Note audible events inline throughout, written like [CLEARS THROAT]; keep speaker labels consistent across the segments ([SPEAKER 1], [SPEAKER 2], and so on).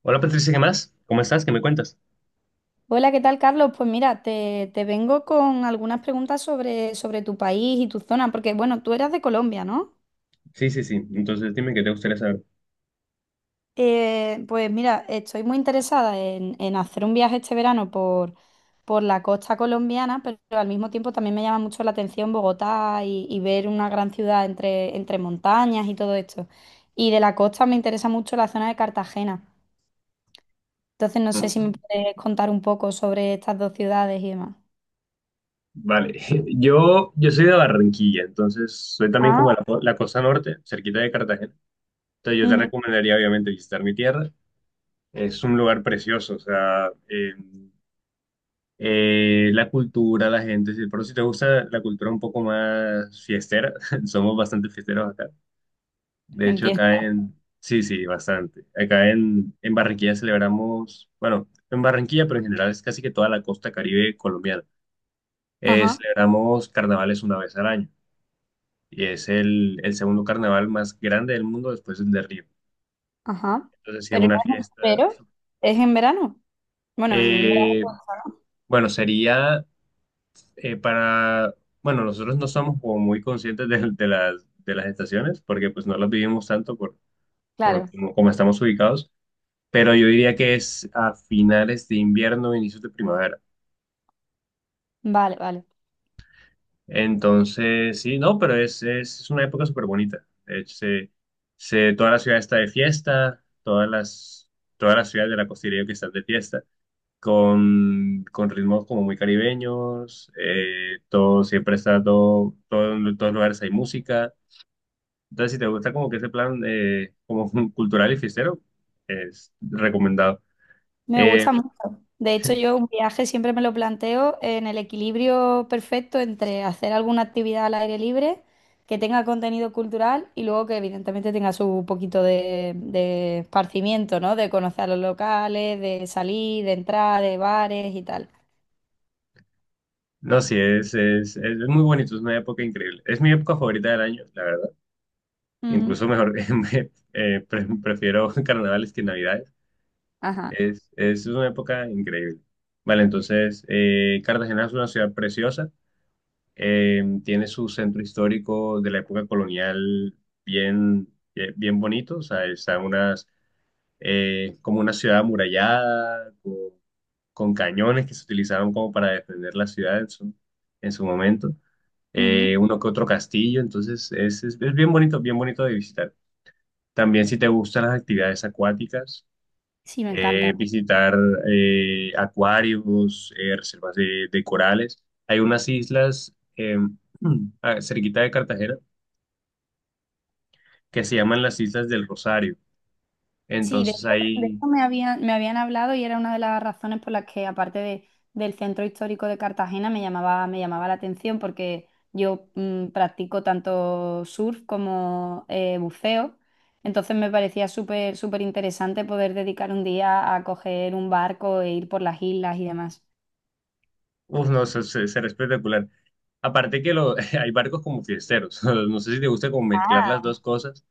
[SPEAKER 1] Hola, Patricia, ¿qué más? ¿Cómo estás? ¿Qué me cuentas?
[SPEAKER 2] Hola, ¿qué tal, Carlos? Pues mira, te vengo con algunas preguntas sobre tu país y tu zona, porque bueno, tú eras de Colombia, ¿no?
[SPEAKER 1] Sí, sí, sí. Entonces dime qué te gustaría saber.
[SPEAKER 2] Pues mira, estoy muy interesada en hacer un viaje este verano por la costa colombiana, pero al mismo tiempo también me llama mucho la atención Bogotá y ver una gran ciudad entre montañas y todo esto. Y de la costa me interesa mucho la zona de Cartagena. Entonces no sé si me puedes contar un poco sobre estas dos ciudades y demás.
[SPEAKER 1] Vale. [LAUGHS] Yo soy de Barranquilla, entonces soy también
[SPEAKER 2] Ah.
[SPEAKER 1] como de la costa norte, cerquita de Cartagena. Entonces yo te
[SPEAKER 2] Ujú,
[SPEAKER 1] recomendaría obviamente visitar mi tierra. Es un lugar precioso, o sea, la cultura, la gente, sí, pero si te gusta la cultura un poco más fiestera, [LAUGHS] somos bastante fiesteros acá. De hecho,
[SPEAKER 2] entiendo.
[SPEAKER 1] acá en, sí, sí, bastante. Acá en Barranquilla celebramos, bueno, en Barranquilla, pero en general es casi que toda la costa Caribe colombiana.
[SPEAKER 2] Ajá.
[SPEAKER 1] Celebramos carnavales una vez al año y es el segundo carnaval más grande del mundo después del de Río.
[SPEAKER 2] Ajá.
[SPEAKER 1] Entonces, sí, es
[SPEAKER 2] Pero
[SPEAKER 1] una
[SPEAKER 2] no es,
[SPEAKER 1] fiesta.
[SPEAKER 2] pero es en verano. Bueno, en verano,
[SPEAKER 1] Eh,
[SPEAKER 2] ¿no?
[SPEAKER 1] bueno, sería eh, para, bueno, nosotros no somos como muy conscientes de las estaciones porque pues no las vivimos tanto por
[SPEAKER 2] Claro.
[SPEAKER 1] como como estamos ubicados. Pero yo diría que es a finales de invierno, inicios de primavera.
[SPEAKER 2] Vale, vale.
[SPEAKER 1] Entonces, sí, no, pero es una época súper bonita. De hecho, toda la ciudad está de fiesta, todas las ciudades de la costería que están de fiesta, con ritmos como muy caribeños, todo, siempre está todo, todo, en todos los lugares hay música. Entonces, si te gusta como que ese plan como [LAUGHS] cultural y fiestero, es recomendado.
[SPEAKER 2] Me
[SPEAKER 1] Eh,
[SPEAKER 2] gusta mucho. De hecho, yo un viaje siempre me lo planteo en el equilibrio perfecto entre hacer alguna actividad al aire libre, que tenga contenido cultural y luego que evidentemente tenga su poquito de esparcimiento, ¿no? De conocer a los locales, de salir, de entrar, de bares y tal.
[SPEAKER 1] No, sí, es muy bonito, es una época increíble. Es mi época favorita del año, la verdad.
[SPEAKER 2] Ujú.
[SPEAKER 1] Incluso mejor, [LAUGHS] prefiero [LAUGHS] carnavales que navidades.
[SPEAKER 2] Ajá.
[SPEAKER 1] Es una época increíble. Vale, entonces, Cartagena es una ciudad preciosa. Tiene su centro histórico de la época colonial bien, bien, bien bonito. O sea, está unas, como una ciudad amurallada, con cañones que se utilizaban como para defender la ciudad en su momento,
[SPEAKER 2] Ujú.
[SPEAKER 1] uno que otro castillo, entonces es bien bonito de visitar. También si te gustan las actividades acuáticas,
[SPEAKER 2] Sí, me encanta.
[SPEAKER 1] visitar acuarios, reservas de corales. Hay unas islas [CLEARS THROAT] cerquita de Cartagena que se llaman las Islas del Rosario.
[SPEAKER 2] Sí, de
[SPEAKER 1] Entonces
[SPEAKER 2] hecho,
[SPEAKER 1] ahí,
[SPEAKER 2] me habían hablado y era una de las razones por las que, aparte de- del centro histórico de Cartagena, me llamaba la atención porque yo practico tanto surf como buceo. Entonces me parecía súper, súper interesante poder dedicar un día a coger un barco e ir por las islas y demás.
[SPEAKER 1] no, se, será espectacular. Aparte que lo, [LAUGHS] hay barcos como fiesteros. [LAUGHS] No sé si te gusta como mezclar las dos cosas,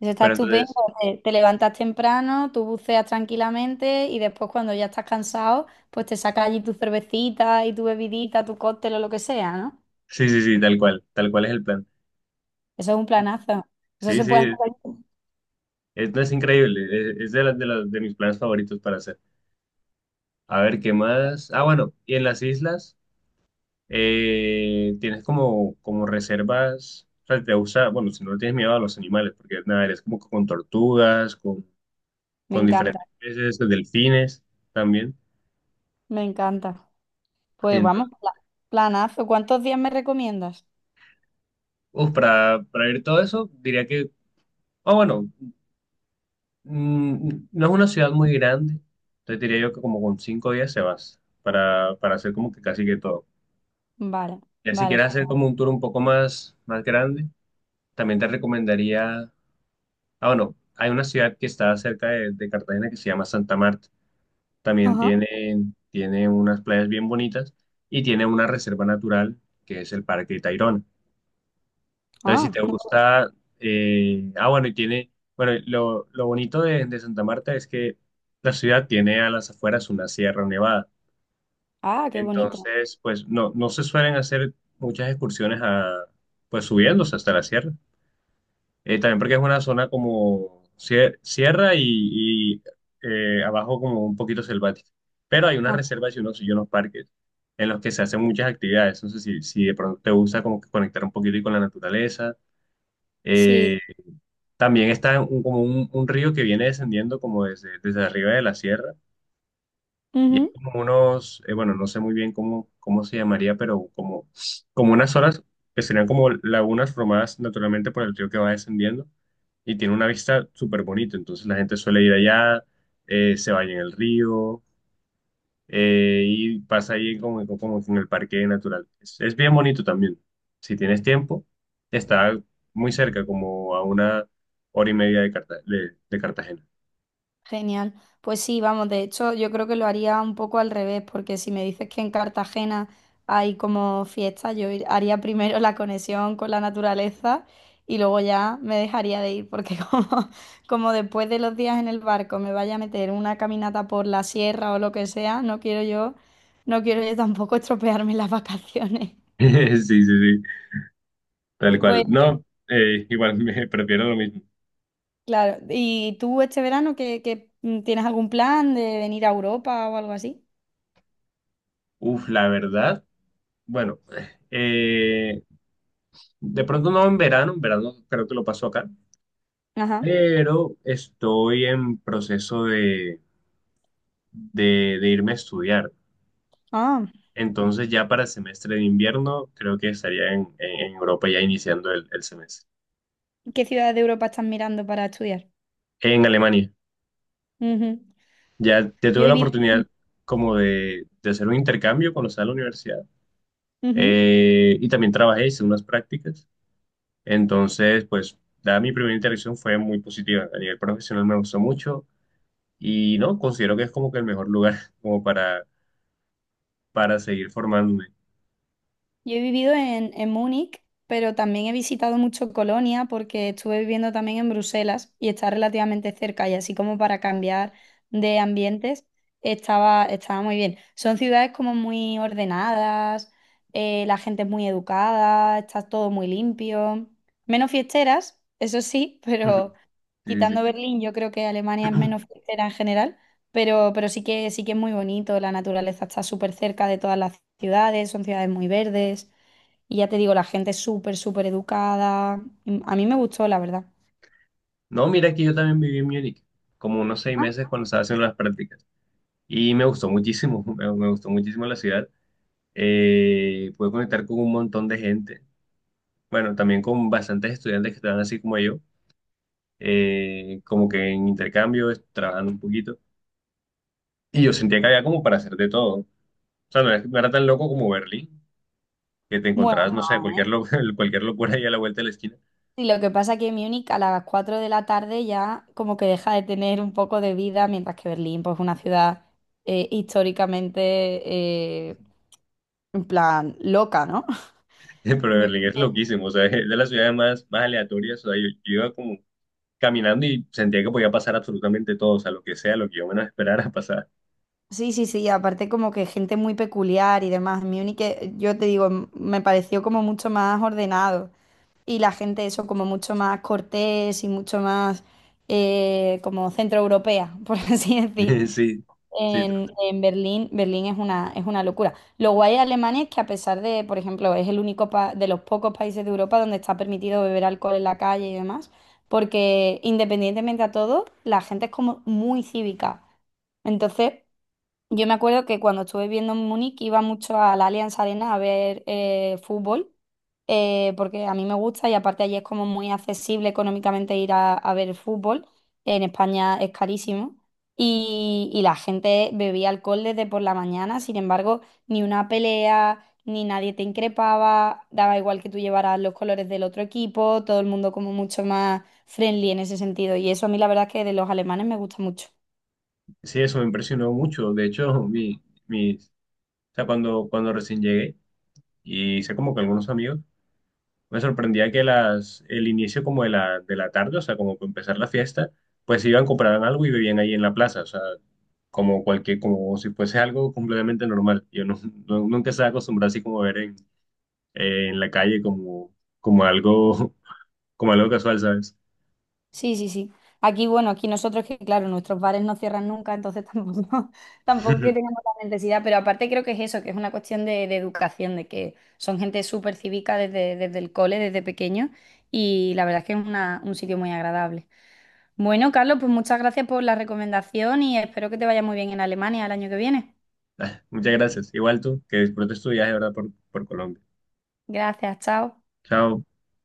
[SPEAKER 2] Eso está
[SPEAKER 1] pero
[SPEAKER 2] estupendo.
[SPEAKER 1] entonces,
[SPEAKER 2] Te levantas temprano, tú buceas tranquilamente y después cuando ya estás cansado, pues te sacas allí tu cervecita y tu bebidita, tu cóctel o lo que sea, ¿no?
[SPEAKER 1] sí, sí, sí, tal cual es el plan.
[SPEAKER 2] Eso es un planazo. Eso
[SPEAKER 1] Sí,
[SPEAKER 2] se puede
[SPEAKER 1] sí,
[SPEAKER 2] hacer.
[SPEAKER 1] es, no, es increíble, es de, las de, de mis planes favoritos para hacer. A ver, ¿qué más? Ah, bueno, y en las islas tienes como, como reservas, o sea, te gusta, bueno, si no le tienes miedo a los animales, porque nada, eres como con tortugas,
[SPEAKER 2] Me
[SPEAKER 1] con
[SPEAKER 2] encanta,
[SPEAKER 1] diferentes peces, delfines también.
[SPEAKER 2] me encanta. Pues
[SPEAKER 1] Entonces,
[SPEAKER 2] vamos, planazo. ¿Cuántos días me recomiendas?
[SPEAKER 1] para ver todo eso, diría que, ah, bueno, no es una ciudad muy grande, entonces diría yo que como con 5 días se vas para hacer como que casi que todo.
[SPEAKER 2] Vale,
[SPEAKER 1] Ya si
[SPEAKER 2] vale.
[SPEAKER 1] quieres hacer como un tour un poco más, más grande, también te recomendaría, ah, bueno, hay una ciudad que está cerca de Cartagena que se llama Santa Marta. También
[SPEAKER 2] Ajá.
[SPEAKER 1] tiene, tiene unas playas bien bonitas y tiene una reserva natural que es el Parque Tayrona. Entonces, si
[SPEAKER 2] Ah,
[SPEAKER 1] te
[SPEAKER 2] no.
[SPEAKER 1] gusta, bueno, y tiene, bueno, lo bonito de Santa Marta es que la ciudad tiene a las afueras una sierra nevada.
[SPEAKER 2] Ah, qué bonito.
[SPEAKER 1] Entonces, pues no, no se suelen hacer muchas excursiones a, pues subiéndose hasta la sierra. También porque es una zona como sierra y, abajo como un poquito selvática. Pero hay unas
[SPEAKER 2] Ah,
[SPEAKER 1] reservas y unos parques en los que se hacen muchas actividades. Entonces, si, si de pronto te gusta como que conectar un poquito y con la naturaleza.
[SPEAKER 2] sí.
[SPEAKER 1] eh, También está como un río que viene descendiendo como desde, desde arriba de la sierra y hay como unos, bueno, no sé muy bien cómo, cómo se llamaría, pero como, como unas horas que serían como lagunas formadas naturalmente por el río que va descendiendo y tiene una vista súper bonita. Entonces la gente suele ir allá, se baña en el río, y pasa ahí como, como en el parque natural. Es bien bonito también. Si tienes tiempo, está muy cerca, como a una hora y media de, de Cartagena. [LAUGHS]
[SPEAKER 2] Genial. Pues sí, vamos, de hecho yo creo que lo haría un poco al revés, porque si me dices que en Cartagena hay como fiesta, yo haría primero la conexión con la naturaleza y luego ya me dejaría de ir, porque [LAUGHS] como, como después de los días en el barco me vaya a meter una caminata por la sierra o lo que sea, no quiero yo, no quiero yo tampoco [LAUGHS] estropearme las vacaciones.
[SPEAKER 1] Sí, sí, sí. Tal cual.
[SPEAKER 2] Pues
[SPEAKER 1] No, igual [LAUGHS] me prefiero lo mismo.
[SPEAKER 2] claro, ¿y tú este verano que, tienes algún plan de venir a Europa o algo así?
[SPEAKER 1] Uf, la verdad. Bueno, eh, de pronto no en verano, en verano creo que lo paso acá,
[SPEAKER 2] Ajá.
[SPEAKER 1] pero estoy en proceso de irme a estudiar.
[SPEAKER 2] Ah.
[SPEAKER 1] Entonces ya para el semestre de invierno creo que estaría en, en Europa ya iniciando el semestre.
[SPEAKER 2] ¿Qué ciudad de Europa estás mirando para estudiar?
[SPEAKER 1] En Alemania.
[SPEAKER 2] Ujú.
[SPEAKER 1] Ya, ya
[SPEAKER 2] Yo he
[SPEAKER 1] tuve la
[SPEAKER 2] vivido,
[SPEAKER 1] oportunidad como de hacer un intercambio cuando estaba en la universidad.
[SPEAKER 2] Ujú.
[SPEAKER 1] Y también trabajé, hice unas prácticas. Entonces, pues, dada mi primera interacción fue muy positiva. A nivel profesional me gustó mucho y no, considero que es como que el mejor lugar [LAUGHS] como para seguir formándome.
[SPEAKER 2] Yo he vivido en Múnich, pero también he visitado mucho Colonia porque estuve viviendo también en Bruselas y está relativamente cerca y así como para cambiar de ambientes estaba, estaba muy bien. Son ciudades como muy ordenadas, la gente es muy educada, está todo muy limpio. Menos fiesteras, eso sí, [LAUGHS] pero
[SPEAKER 1] Ujú. Sí, sí,
[SPEAKER 2] quitando
[SPEAKER 1] sí.
[SPEAKER 2] Berlín, yo creo que Alemania es menos fiestera en general. Pero sí que es muy bonito, la naturaleza está súper cerca de todas las ciudades, son ciudades muy verdes. Y ya te digo, la gente es súper, súper educada. A mí me gustó, la verdad.
[SPEAKER 1] No, mira que yo también viví en Múnich, como unos seis
[SPEAKER 2] Ah.
[SPEAKER 1] meses cuando estaba haciendo las prácticas y me gustó muchísimo, [LAUGHS] me gustó muchísimo la ciudad. Pude conectar con un montón de gente, bueno, también con bastantes estudiantes que estaban así como yo, como que en intercambio, trabajando un poquito. Y yo sentía que había como para hacer de todo. O sea, no era tan loco como Berlín, que te
[SPEAKER 2] Bueno,
[SPEAKER 1] encontrabas, no sé,
[SPEAKER 2] no,
[SPEAKER 1] cualquier,
[SPEAKER 2] ¿eh?
[SPEAKER 1] [LAUGHS] cualquier locura ahí a la vuelta de la esquina.
[SPEAKER 2] Sí, lo que pasa es que Múnich a las 4 de la tarde ya como que deja de tener un poco de vida, mientras que Berlín, pues es una ciudad históricamente, eh, en plan, loca, ¿no?
[SPEAKER 1] [LAUGHS] Pero
[SPEAKER 2] [LAUGHS]
[SPEAKER 1] Berlín es loquísimo, o sea, es de las ciudades más, más aleatorias. O sea, yo iba como caminando y sentía que podía pasar absolutamente todo, o sea, lo que yo menos esperara pasar.
[SPEAKER 2] Sí, sí, sí, aparte como que gente muy peculiar y demás. Múnich, yo te digo, me pareció como mucho más ordenado y la gente eso como mucho más cortés y mucho más como centroeuropea, [LAUGHS] por así decir.
[SPEAKER 1] [LAUGHS] Sí, sí,
[SPEAKER 2] En Berlín, Berlín es una locura. Lo guay de Alemania es que a pesar de, por ejemplo, es el único de los pocos países de Europa donde está permitido beber alcohol en la calle y demás, porque independientemente a todo, la gente es como muy cívica. Entonces, yo me acuerdo que cuando estuve viviendo en Múnich iba mucho a la Allianz Arena a ver fútbol, porque a mí me gusta y aparte allí es como muy accesible económicamente ir a ver fútbol. En España es carísimo. Y la gente bebía alcohol desde por la mañana, sin embargo, ni una pelea, ni nadie te increpaba, daba igual que tú llevaras los colores del otro equipo, todo el mundo como mucho más friendly en ese sentido. Y eso a mí la verdad es que de los alemanes me gusta mucho.
[SPEAKER 1] sí, eso me impresionó mucho. De hecho, mi, o sea, cuando, cuando recién llegué y hice como que algunos amigos, me sorprendía que las, el inicio como de la tarde, o sea, como para empezar la fiesta, pues iban, compraban algo y bebían ahí en la plaza, o sea, como cualquier, como si fuese algo completamente normal. Yo no, nunca estaba acostumbrado así como a ver en la calle como, como algo, [LAUGHS] como algo casual, ¿sabes?
[SPEAKER 2] Sí, sí, sí. Aquí, bueno, aquí nosotros que, claro, nuestros bares no cierran nunca, entonces tampoco, [LAUGHS] tampoco que tengamos
[SPEAKER 1] [LAUGHS]
[SPEAKER 2] la necesidad, pero aparte creo que es eso, que es una cuestión de educación, de que son gente súper cívica desde, desde el cole, desde pequeño, y la verdad es que es un sitio muy agradable. Bueno, Carlos, pues muchas gracias por la recomendación y espero que te vaya muy bien en Alemania el año que viene.
[SPEAKER 1] Muchas gracias. Igual tú, que disfrutes tu viaje, ¿verdad? Por Colombia.
[SPEAKER 2] Gracias, chao.
[SPEAKER 1] Chao.